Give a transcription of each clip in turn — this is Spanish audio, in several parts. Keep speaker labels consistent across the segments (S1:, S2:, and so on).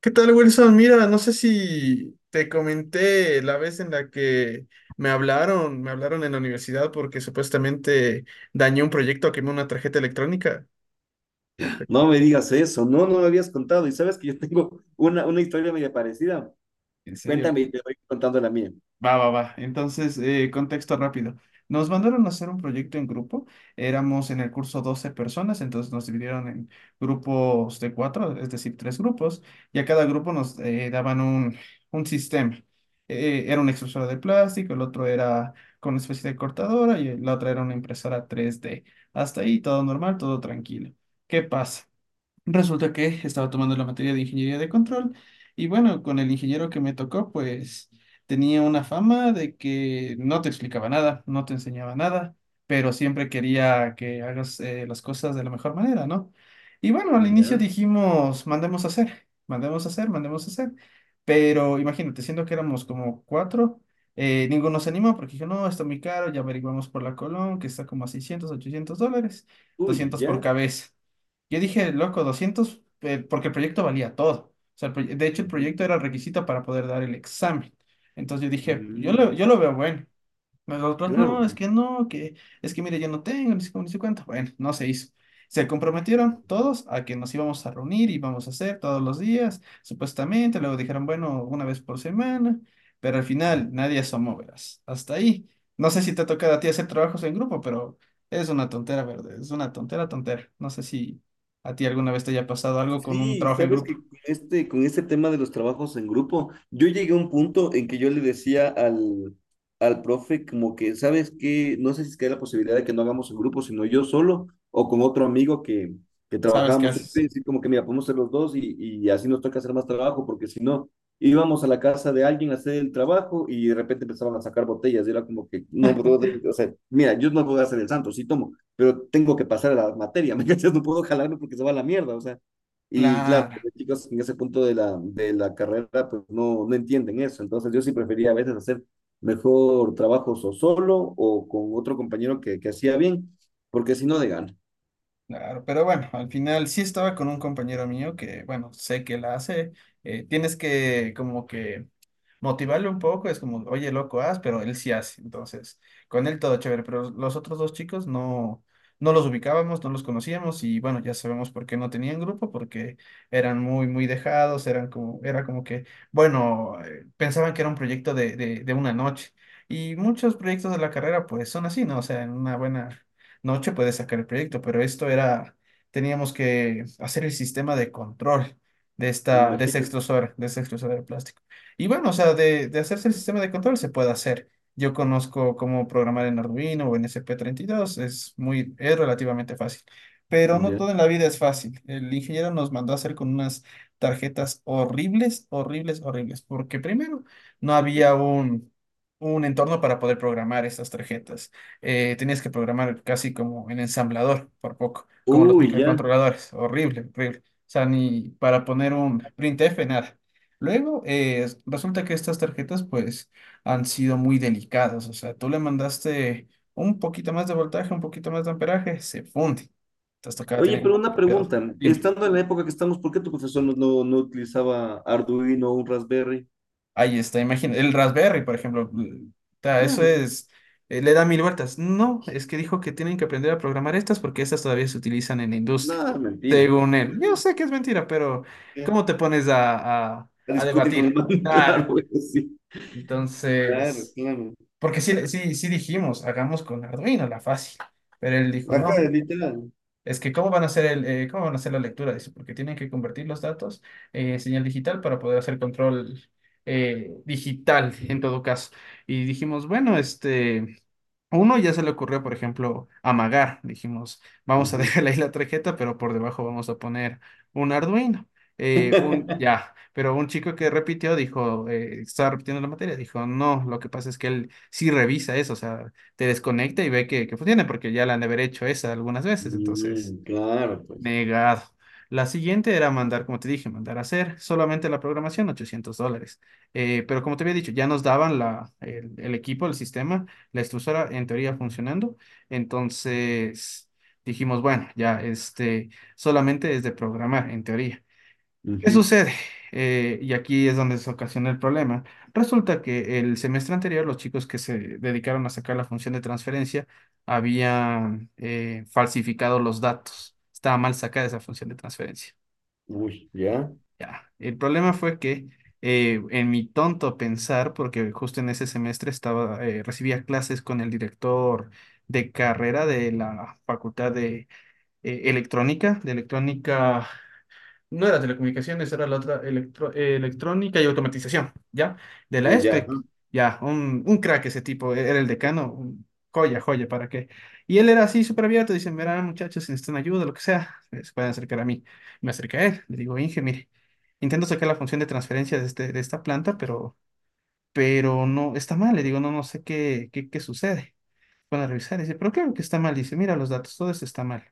S1: ¿Qué tal, Wilson? Mira, no sé si te comenté la vez en la que me hablaron en la universidad porque supuestamente dañé un proyecto, quemé una tarjeta electrónica.
S2: No me digas eso, no, no me habías contado. Y sabes que yo tengo una historia media parecida.
S1: ¿En serio?
S2: Cuéntame y te voy contando la mía.
S1: Va. Entonces, contexto rápido. Nos mandaron a hacer un proyecto en grupo. Éramos en el curso 12 personas, entonces nos dividieron en grupos de cuatro, es decir, tres grupos, y a cada grupo nos daban un sistema. Era una extrusora de plástico, el otro era con una especie de cortadora y la otra era una impresora tres d. Hasta ahí todo normal, todo tranquilo. ¿Qué pasa? Resulta que estaba tomando la materia de ingeniería de control y bueno, con el ingeniero que me tocó, pues tenía una fama de que no te explicaba nada, no te enseñaba nada, pero siempre quería que hagas las cosas de la mejor manera, ¿no? Y bueno, al inicio
S2: Ya.
S1: dijimos, mandemos a hacer, mandemos a hacer, mandemos a hacer, pero imagínate, siendo que éramos como cuatro, ninguno se animó porque dijo, no, está muy caro, ya averiguamos por la Colón, que está como a 600, $800,
S2: Uy,
S1: 200 por
S2: ya.
S1: cabeza. Yo dije, loco, 200 porque el proyecto valía todo. O sea, de hecho, el
S2: Ujú.
S1: proyecto era requisito para poder dar el examen. Entonces yo dije,
S2: Mm,
S1: yo lo veo bueno. Nosotros, no,
S2: claro.
S1: es que no, que es que mire, yo no tengo, ni sé cómo, ni sé cuánto. Bueno, no se hizo. Se comprometieron todos a que nos íbamos a reunir y íbamos a hacer todos los días, supuestamente. Luego dijeron, bueno, una vez por semana, pero al final nadie asomó, verás. Hasta ahí. No sé si te ha tocado a ti hacer trabajos en grupo, pero es una tontera, verde. Es una tontera. No sé si a ti alguna vez te haya pasado algo con un
S2: Sí,
S1: trabajo en
S2: sabes
S1: grupo.
S2: que con este tema de los trabajos en grupo, yo llegué a un punto en que yo le decía al profe como que, ¿sabes qué? No sé si es que hay la posibilidad de que no hagamos en grupo, sino yo solo o con otro amigo que
S1: ¿Sabes qué
S2: trabajábamos juntos,
S1: haces?
S2: y así como que, mira, podemos ser los dos y así nos toca hacer más trabajo, porque si no, íbamos a la casa de alguien a hacer el trabajo y de repente empezaban a sacar botellas y era como que, no, brother, o sea, mira, yo no puedo hacer el santo, sí tomo, pero tengo que pasar a la materia, ¿me cachas? No puedo jalarme porque se va a la mierda, o sea. Y claro,
S1: Claro.
S2: los chicos en ese punto de la carrera pues no, no entienden eso. Entonces yo sí prefería a veces hacer mejor trabajos o solo o con otro compañero que hacía bien, porque si no de gana.
S1: Claro, pero bueno, al final sí estaba con un compañero mío que, bueno, sé que la hace. Tienes que como que motivarle un poco, es como, oye, loco, haz, pero él sí hace. Entonces, con él todo chévere, pero los otros dos chicos no, no los ubicábamos, no los conocíamos y bueno, ya sabemos por qué no tenían grupo, porque eran muy, muy dejados, eran como, era como que, bueno, pensaban que era un proyecto de una noche. Y muchos proyectos de la carrera pues son así, ¿no? O sea, en una buena noche puedes sacar el proyecto, pero esto era, teníamos que hacer el sistema de control
S2: Me
S1: de esta
S2: imagino.
S1: extrusora, de esta extrusora de plástico. Y bueno, o sea, de hacerse el sistema de control se puede hacer. Yo conozco cómo programar en Arduino o en S P 32 es muy, es relativamente fácil. Pero no
S2: Ya.
S1: todo en la vida es fácil. El ingeniero nos mandó a hacer con unas tarjetas horribles, horribles, horribles, porque primero no había un entorno para poder programar estas tarjetas. Tenías que programar casi como en ensamblador, por poco, como los
S2: Uy, ya.
S1: microcontroladores. Horrible, horrible. O sea, ni para poner un printf, nada. Luego, resulta que estas tarjetas, pues, han sido muy delicadas. O sea, tú le mandaste un poquito más de voltaje, un poquito más de amperaje, se funde. Entonces tocaba
S2: Oye,
S1: tener
S2: pero una
S1: cuidado.
S2: pregunta.
S1: Dime.
S2: Estando en la época que estamos, ¿por qué tu profesor no utilizaba Arduino o un Raspberry?
S1: Ahí está, imagina, el Raspberry, por ejemplo, ta, eso
S2: Claro,
S1: es, le da mil vueltas. No, es que dijo que tienen que aprender a programar estas porque estas todavía se utilizan en la industria,
S2: nada, mentira.
S1: según él. Yo
S2: Imagínate,
S1: sé que es mentira, pero
S2: ya.
S1: ¿cómo te pones a,
S2: A
S1: a
S2: discutir con el
S1: debatir?
S2: man,
S1: Claro,
S2: claro, güey, sí, claro,
S1: entonces,
S2: claro.
S1: porque sí dijimos, hagamos con Arduino la fácil, pero él dijo,
S2: Ajá,
S1: no,
S2: literal.
S1: es que cómo van a hacer el, cómo van a hacer la lectura, dice, porque tienen que convertir los datos en señal digital para poder hacer control digital en todo caso. Y dijimos, bueno, este, a uno ya se le ocurrió, por ejemplo, amagar. Dijimos, vamos a
S2: Ujú.
S1: dejarle ahí la tarjeta, pero por debajo vamos a poner un Arduino. Un ya, pero un chico que repitió dijo, estaba repitiendo la materia, dijo, no, lo que pasa es que él sí revisa eso, o sea, te desconecta y ve que funciona, porque ya la han de haber hecho esa algunas veces, entonces.
S2: Mm, claro, pues.
S1: Negado. La siguiente era mandar, como te dije, mandar a hacer solamente la programación, $800. Pero como te había dicho, ya nos daban el equipo, el sistema, la extrusora en teoría funcionando. Entonces dijimos, bueno, ya este, solamente es de programar en teoría. ¿Qué
S2: Ujú.
S1: sucede? Y aquí es donde se ocasiona el problema. Resulta que el semestre anterior los chicos que se dedicaron a sacar la función de transferencia habían falsificado los datos. Estaba mal sacada esa función de transferencia.
S2: Uy, ya,
S1: Ya. El problema fue que en mi tonto pensar, porque justo en ese semestre estaba, recibía clases con el director de carrera de la Facultad de Electrónica, de Electrónica, no era telecomunicaciones, era la otra electrónica y automatización, ¿ya? De la
S2: la ya.
S1: ESPEC, ya, un crack ese tipo, era el decano, joya, joya, ¿para qué? Y él era así súper abierto, dicen, verán muchachos, si necesitan ayuda, lo que sea, se pueden acercar a mí. Me acerqué a él, le digo, Inge, mire, intento sacar la función de transferencia de, este, de esta planta, pero no, está mal, le digo, no, no sé qué, qué sucede. Van a revisar, dice, pero claro que está mal, dice, mira los datos, todo esto está mal.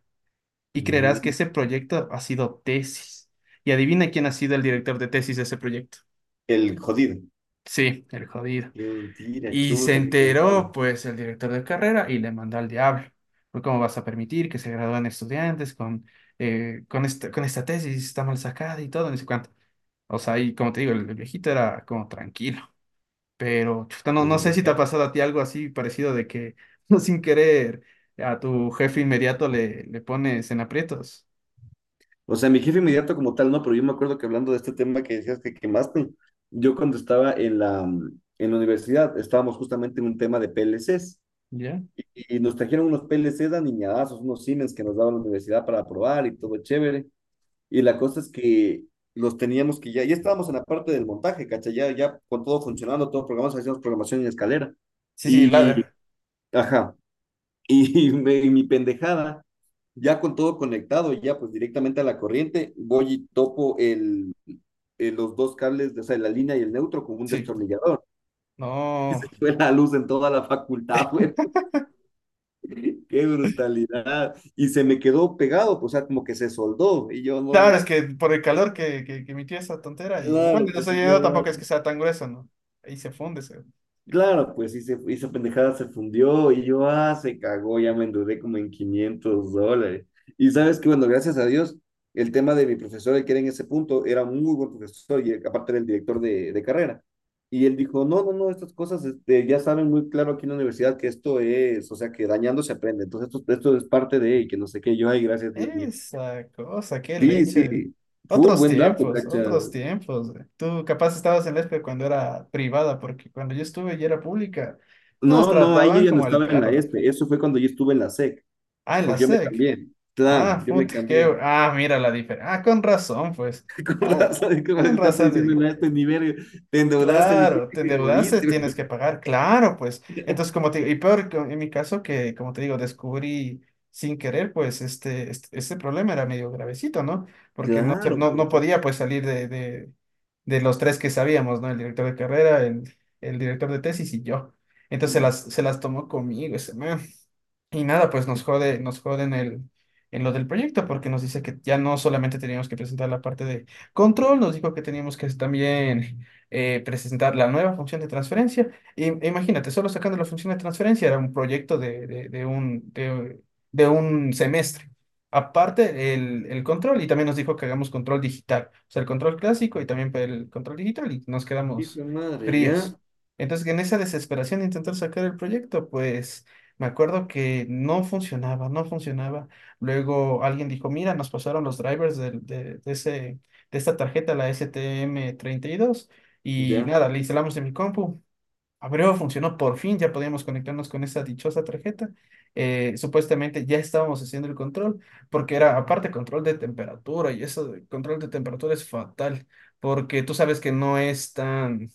S1: Y creerás que
S2: Mm,
S1: ese proyecto ha sido tesis. Y adivina quién ha sido el director de tesis de ese proyecto.
S2: el jodido.
S1: Sí, el jodido.
S2: Qué mentira,
S1: Y se
S2: chuta, qué cagada.
S1: enteró, pues, el director de carrera y le mandó al diablo. Pues, ¿cómo vas a permitir que se gradúen estudiantes con, con esta tesis? Está mal sacada y todo, no sé cuánto. O sea, y como te digo, el viejito era como tranquilo. Pero, chuta, no,
S2: Lo
S1: no
S2: siento,
S1: sé si te ha
S2: ya.
S1: pasado a ti algo así parecido de que, sin querer, a tu jefe inmediato le pones en aprietos.
S2: O sea, mi jefe inmediato como tal, no, pero yo me acuerdo que hablando de este tema que decías que quemaste, yo cuando estaba en la, en la universidad, estábamos justamente en un tema de PLCs
S1: ¿Ya?
S2: y nos trajeron unos PLCs aniñadazos, unos Siemens que nos daban la universidad para probar y todo chévere. Y la cosa es que los teníamos que ya estábamos en la parte del montaje, ¿cachai? Ya con todo funcionando, todo programado, hacíamos programación en escalera.
S1: Sí, sí,
S2: Y,
S1: ladder.
S2: ajá, y, me- y mi pendejada, ya con todo conectado, ya pues directamente a la corriente, voy y topo los dos cables, de, o sea, la línea y el neutro con un
S1: Sí,
S2: destornillador.
S1: no.
S2: Fue la luz en toda la facultad, güey. Qué brutalidad. Y se me quedó pegado, pues, o sea, como que se soldó. Y yo no
S1: Claro,
S2: me...
S1: es que por el calor que, que emitía esa tontera y el bueno, el
S2: Claro, pues y yo...
S1: desayuno tampoco es que sea tan grueso, ¿no? Ahí se funde. Se...
S2: Claro, pues y se, esa pendejada se fundió y yo, ah, se cagó, ya me endeudé como en $500. Y sabes que, bueno, gracias a Dios, el tema de mi profesor, el que era en ese punto, era un muy buen profesor y aparte era el director de carrera. Y él dijo, no, estas cosas este, ya saben muy claro aquí en la universidad que esto es, o sea, que dañando se aprende. Entonces, esto es parte de, y que no sé qué, yo, ay, gracias, Dios mío.
S1: Esa cosa, qué
S2: Sí, sí,
S1: leche.
S2: full,
S1: Otros
S2: buen dato,
S1: tiempos,
S2: cacha.
S1: otros tiempos, güey. Tú capaz estabas en la ESPE cuando era privada, porque cuando yo estuve y era pública, nos
S2: No, ahí yo
S1: trataban
S2: ya no
S1: como el
S2: estaba en la
S1: perro, loco.
S2: ESPE, eso fue cuando yo estuve en la SEC.
S1: Ah, en la
S2: Porque yo me
S1: SEC.
S2: cambié. Claro,
S1: Ah,
S2: yo me
S1: puta, qué...
S2: cambié.
S1: Ah, mira la diferencia. Ah, con razón, pues.
S2: ¿Te
S1: Ah,
S2: acordás? ¿Sabes qué acordás
S1: con
S2: que estarte diciendo
S1: razón.
S2: a este nivel? Te endeudaste, mi
S1: Claro,
S2: gente,
S1: te
S2: que
S1: endeudaste,
S2: jodiste.
S1: tienes que pagar, claro, pues. Entonces, como te digo, y peor en mi caso que, como te digo, descubrí sin querer, pues, este problema era medio gravecito, ¿no? Porque no,
S2: Claro,
S1: no, no
S2: ¿verdad?
S1: podía, pues, salir de los tres que sabíamos, ¿no? El director de carrera, el director de tesis y yo. Entonces,
S2: Hijo
S1: se las tomó conmigo ese man. Y nada, pues nos jode en el, en lo del proyecto, porque nos dice que ya no solamente teníamos que presentar la parte de control, nos dijo que teníamos que también presentar la nueva función de transferencia. Y, e imagínate, solo sacando la función de transferencia era un proyecto de un semestre. Aparte, el control, y también nos dijo que hagamos control digital, o sea, el control clásico y también el control digital, y nos
S2: de
S1: quedamos
S2: madre,
S1: fríos.
S2: ya,
S1: Entonces, en esa desesperación de intentar sacar el proyecto, pues... Me acuerdo que no funcionaba, no funcionaba. Luego alguien dijo, mira, nos pasaron los drivers de de ese, de esta tarjeta, la STM32, y dos, y
S2: ya,
S1: nada, le instalamos en mi compu. Abrió, funcionó por fin, ya podíamos conectarnos con esa dichosa tarjeta. Supuestamente ya estábamos haciendo el control, porque era aparte control de temperatura, y eso de control de temperatura es fatal, porque tú sabes que no es tan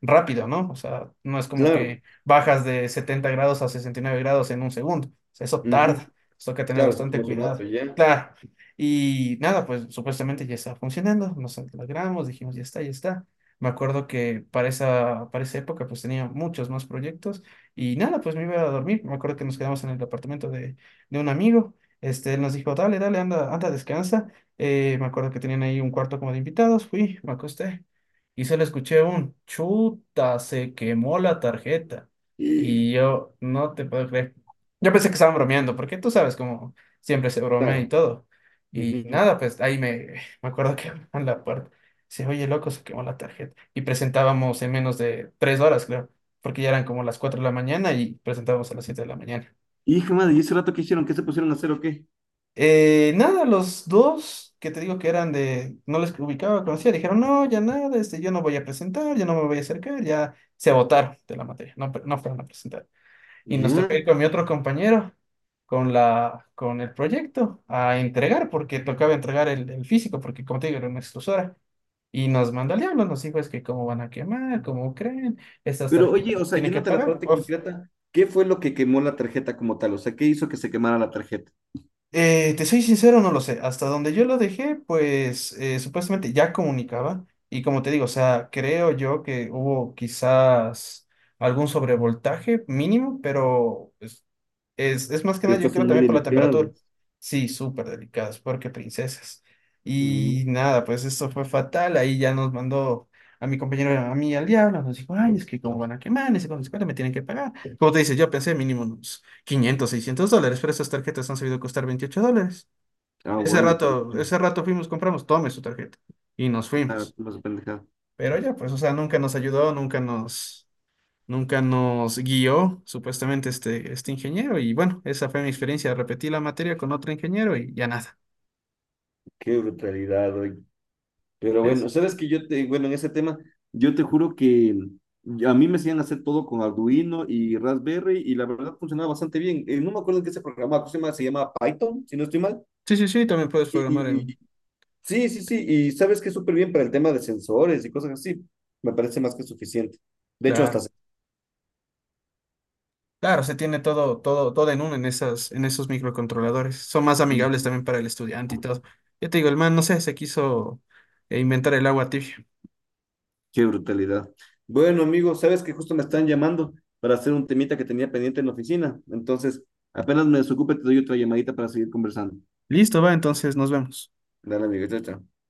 S1: rápido, ¿no? O sea, no es como
S2: claro.
S1: que bajas de 70 grados a 69 grados en un segundo. O sea, eso
S2: Ujú.
S1: tarda. Eso hay que tener
S2: Claro, se tomó
S1: bastante
S2: su rato,
S1: cuidado.
S2: ya.
S1: Claro. Y nada, pues supuestamente ya está funcionando. Nos alegramos, dijimos, ya está, ya está. Me acuerdo que para esa época pues tenía muchos más proyectos y nada, pues me iba a dormir. Me acuerdo que nos quedamos en el apartamento de un amigo. Este, él nos dijo, dale, dale, anda, anda, descansa. Me acuerdo que tenían ahí un cuarto como de invitados. Fui, me acosté y solo escuché un chuta, se quemó la tarjeta.
S2: Y,
S1: Y yo no te puedo creer. Yo pensé que estaban bromeando, porque tú sabes cómo siempre se bromea y
S2: claro.
S1: todo. Y
S2: Ujú.
S1: nada, pues ahí me, me acuerdo que en la puerta. Dice, oye, loco, se quemó la tarjeta. Y presentábamos en menos de 3 horas, creo, porque ya eran como las 4 de la mañana y presentábamos a las 7 de la mañana.
S2: Hijo de madre, ¿y ese rato qué hicieron? ¿Qué se pusieron a hacer o qué?
S1: Nada, los dos que te digo que eran de, no les ubicaba, conocía, dijeron, no, ya nada, este, yo no voy a presentar, ya no me voy a acercar, ya se votaron de la materia, no, no fueron a presentar. Y nos
S2: Ya.
S1: tocó ir con mi otro compañero, con la, con el proyecto, a entregar, porque tocaba entregar el físico, porque como te digo, era una extrusora. Y nos mandó al diablo, nos dijo, es que cómo van a quemar, cómo creen, estas
S2: Pero
S1: tarjetas
S2: oye, o sea,
S1: tienen que
S2: yéndote a la
S1: pagar.
S2: parte
S1: Uf.
S2: concreta, ¿qué fue lo que quemó la tarjeta como tal? O sea, ¿qué hizo que se quemara la tarjeta?
S1: Te soy sincero, no lo sé. Hasta donde yo lo dejé, pues supuestamente ya comunicaba. Y como te digo, o sea, creo yo que hubo quizás algún sobrevoltaje mínimo, pero pues, es más que nada, yo
S2: Estas
S1: creo
S2: son muy
S1: también por la
S2: delicadas.
S1: temperatura. Sí, súper delicadas, porque princesas.
S2: Mm,
S1: Y nada, pues esto fue fatal. Ahí ya nos mandó a mi compañero, a mí al diablo. Nos dijo, ay, es que como van a quemar, ese con me tienen que pagar. Como te dice, yo pensé mínimo unos $500 $600, pero esas tarjetas han sabido costar $28.
S2: ah, bueno, pues,
S1: Ese rato fuimos, compramos, tome su tarjeta y nos
S2: claro,
S1: fuimos.
S2: como su pendejada.
S1: Pero ya, pues, o sea, nunca nos ayudó, nunca nos, nunca nos guió, supuestamente, este ingeniero. Y bueno, esa fue mi experiencia. Repetí la materia con otro ingeniero y ya nada.
S2: Qué brutalidad, oye. Pero bueno,
S1: Es,
S2: sabes que yo te, bueno, en ese tema, yo te juro que a mí me hacían hacer todo con Arduino y Raspberry y la verdad funcionaba bastante bien. No me acuerdo en qué se programaba, ¿cómo se llama? Se llama Python, si no estoy mal.
S1: sí, sí, sí, también puedes programar en...
S2: Y- sí, y sabes que es súper bien para el tema de sensores y cosas así. Me parece más que suficiente. De hecho, hasta...
S1: Claro, claro, se tiene todo, todo, todo en uno en esas, en esos microcontroladores. Son más amigables también para el estudiante y todo. Ya te digo, el man, no sé, se quiso inventar el agua tibia.
S2: Qué brutalidad. Bueno, amigo, sabes que justo me están llamando para hacer un temita que tenía pendiente en la oficina. Entonces, apenas me desocupe, te doy otra llamadita para seguir conversando.
S1: Listo, va, entonces nos vemos.
S2: Dale, amigo, chao, chao.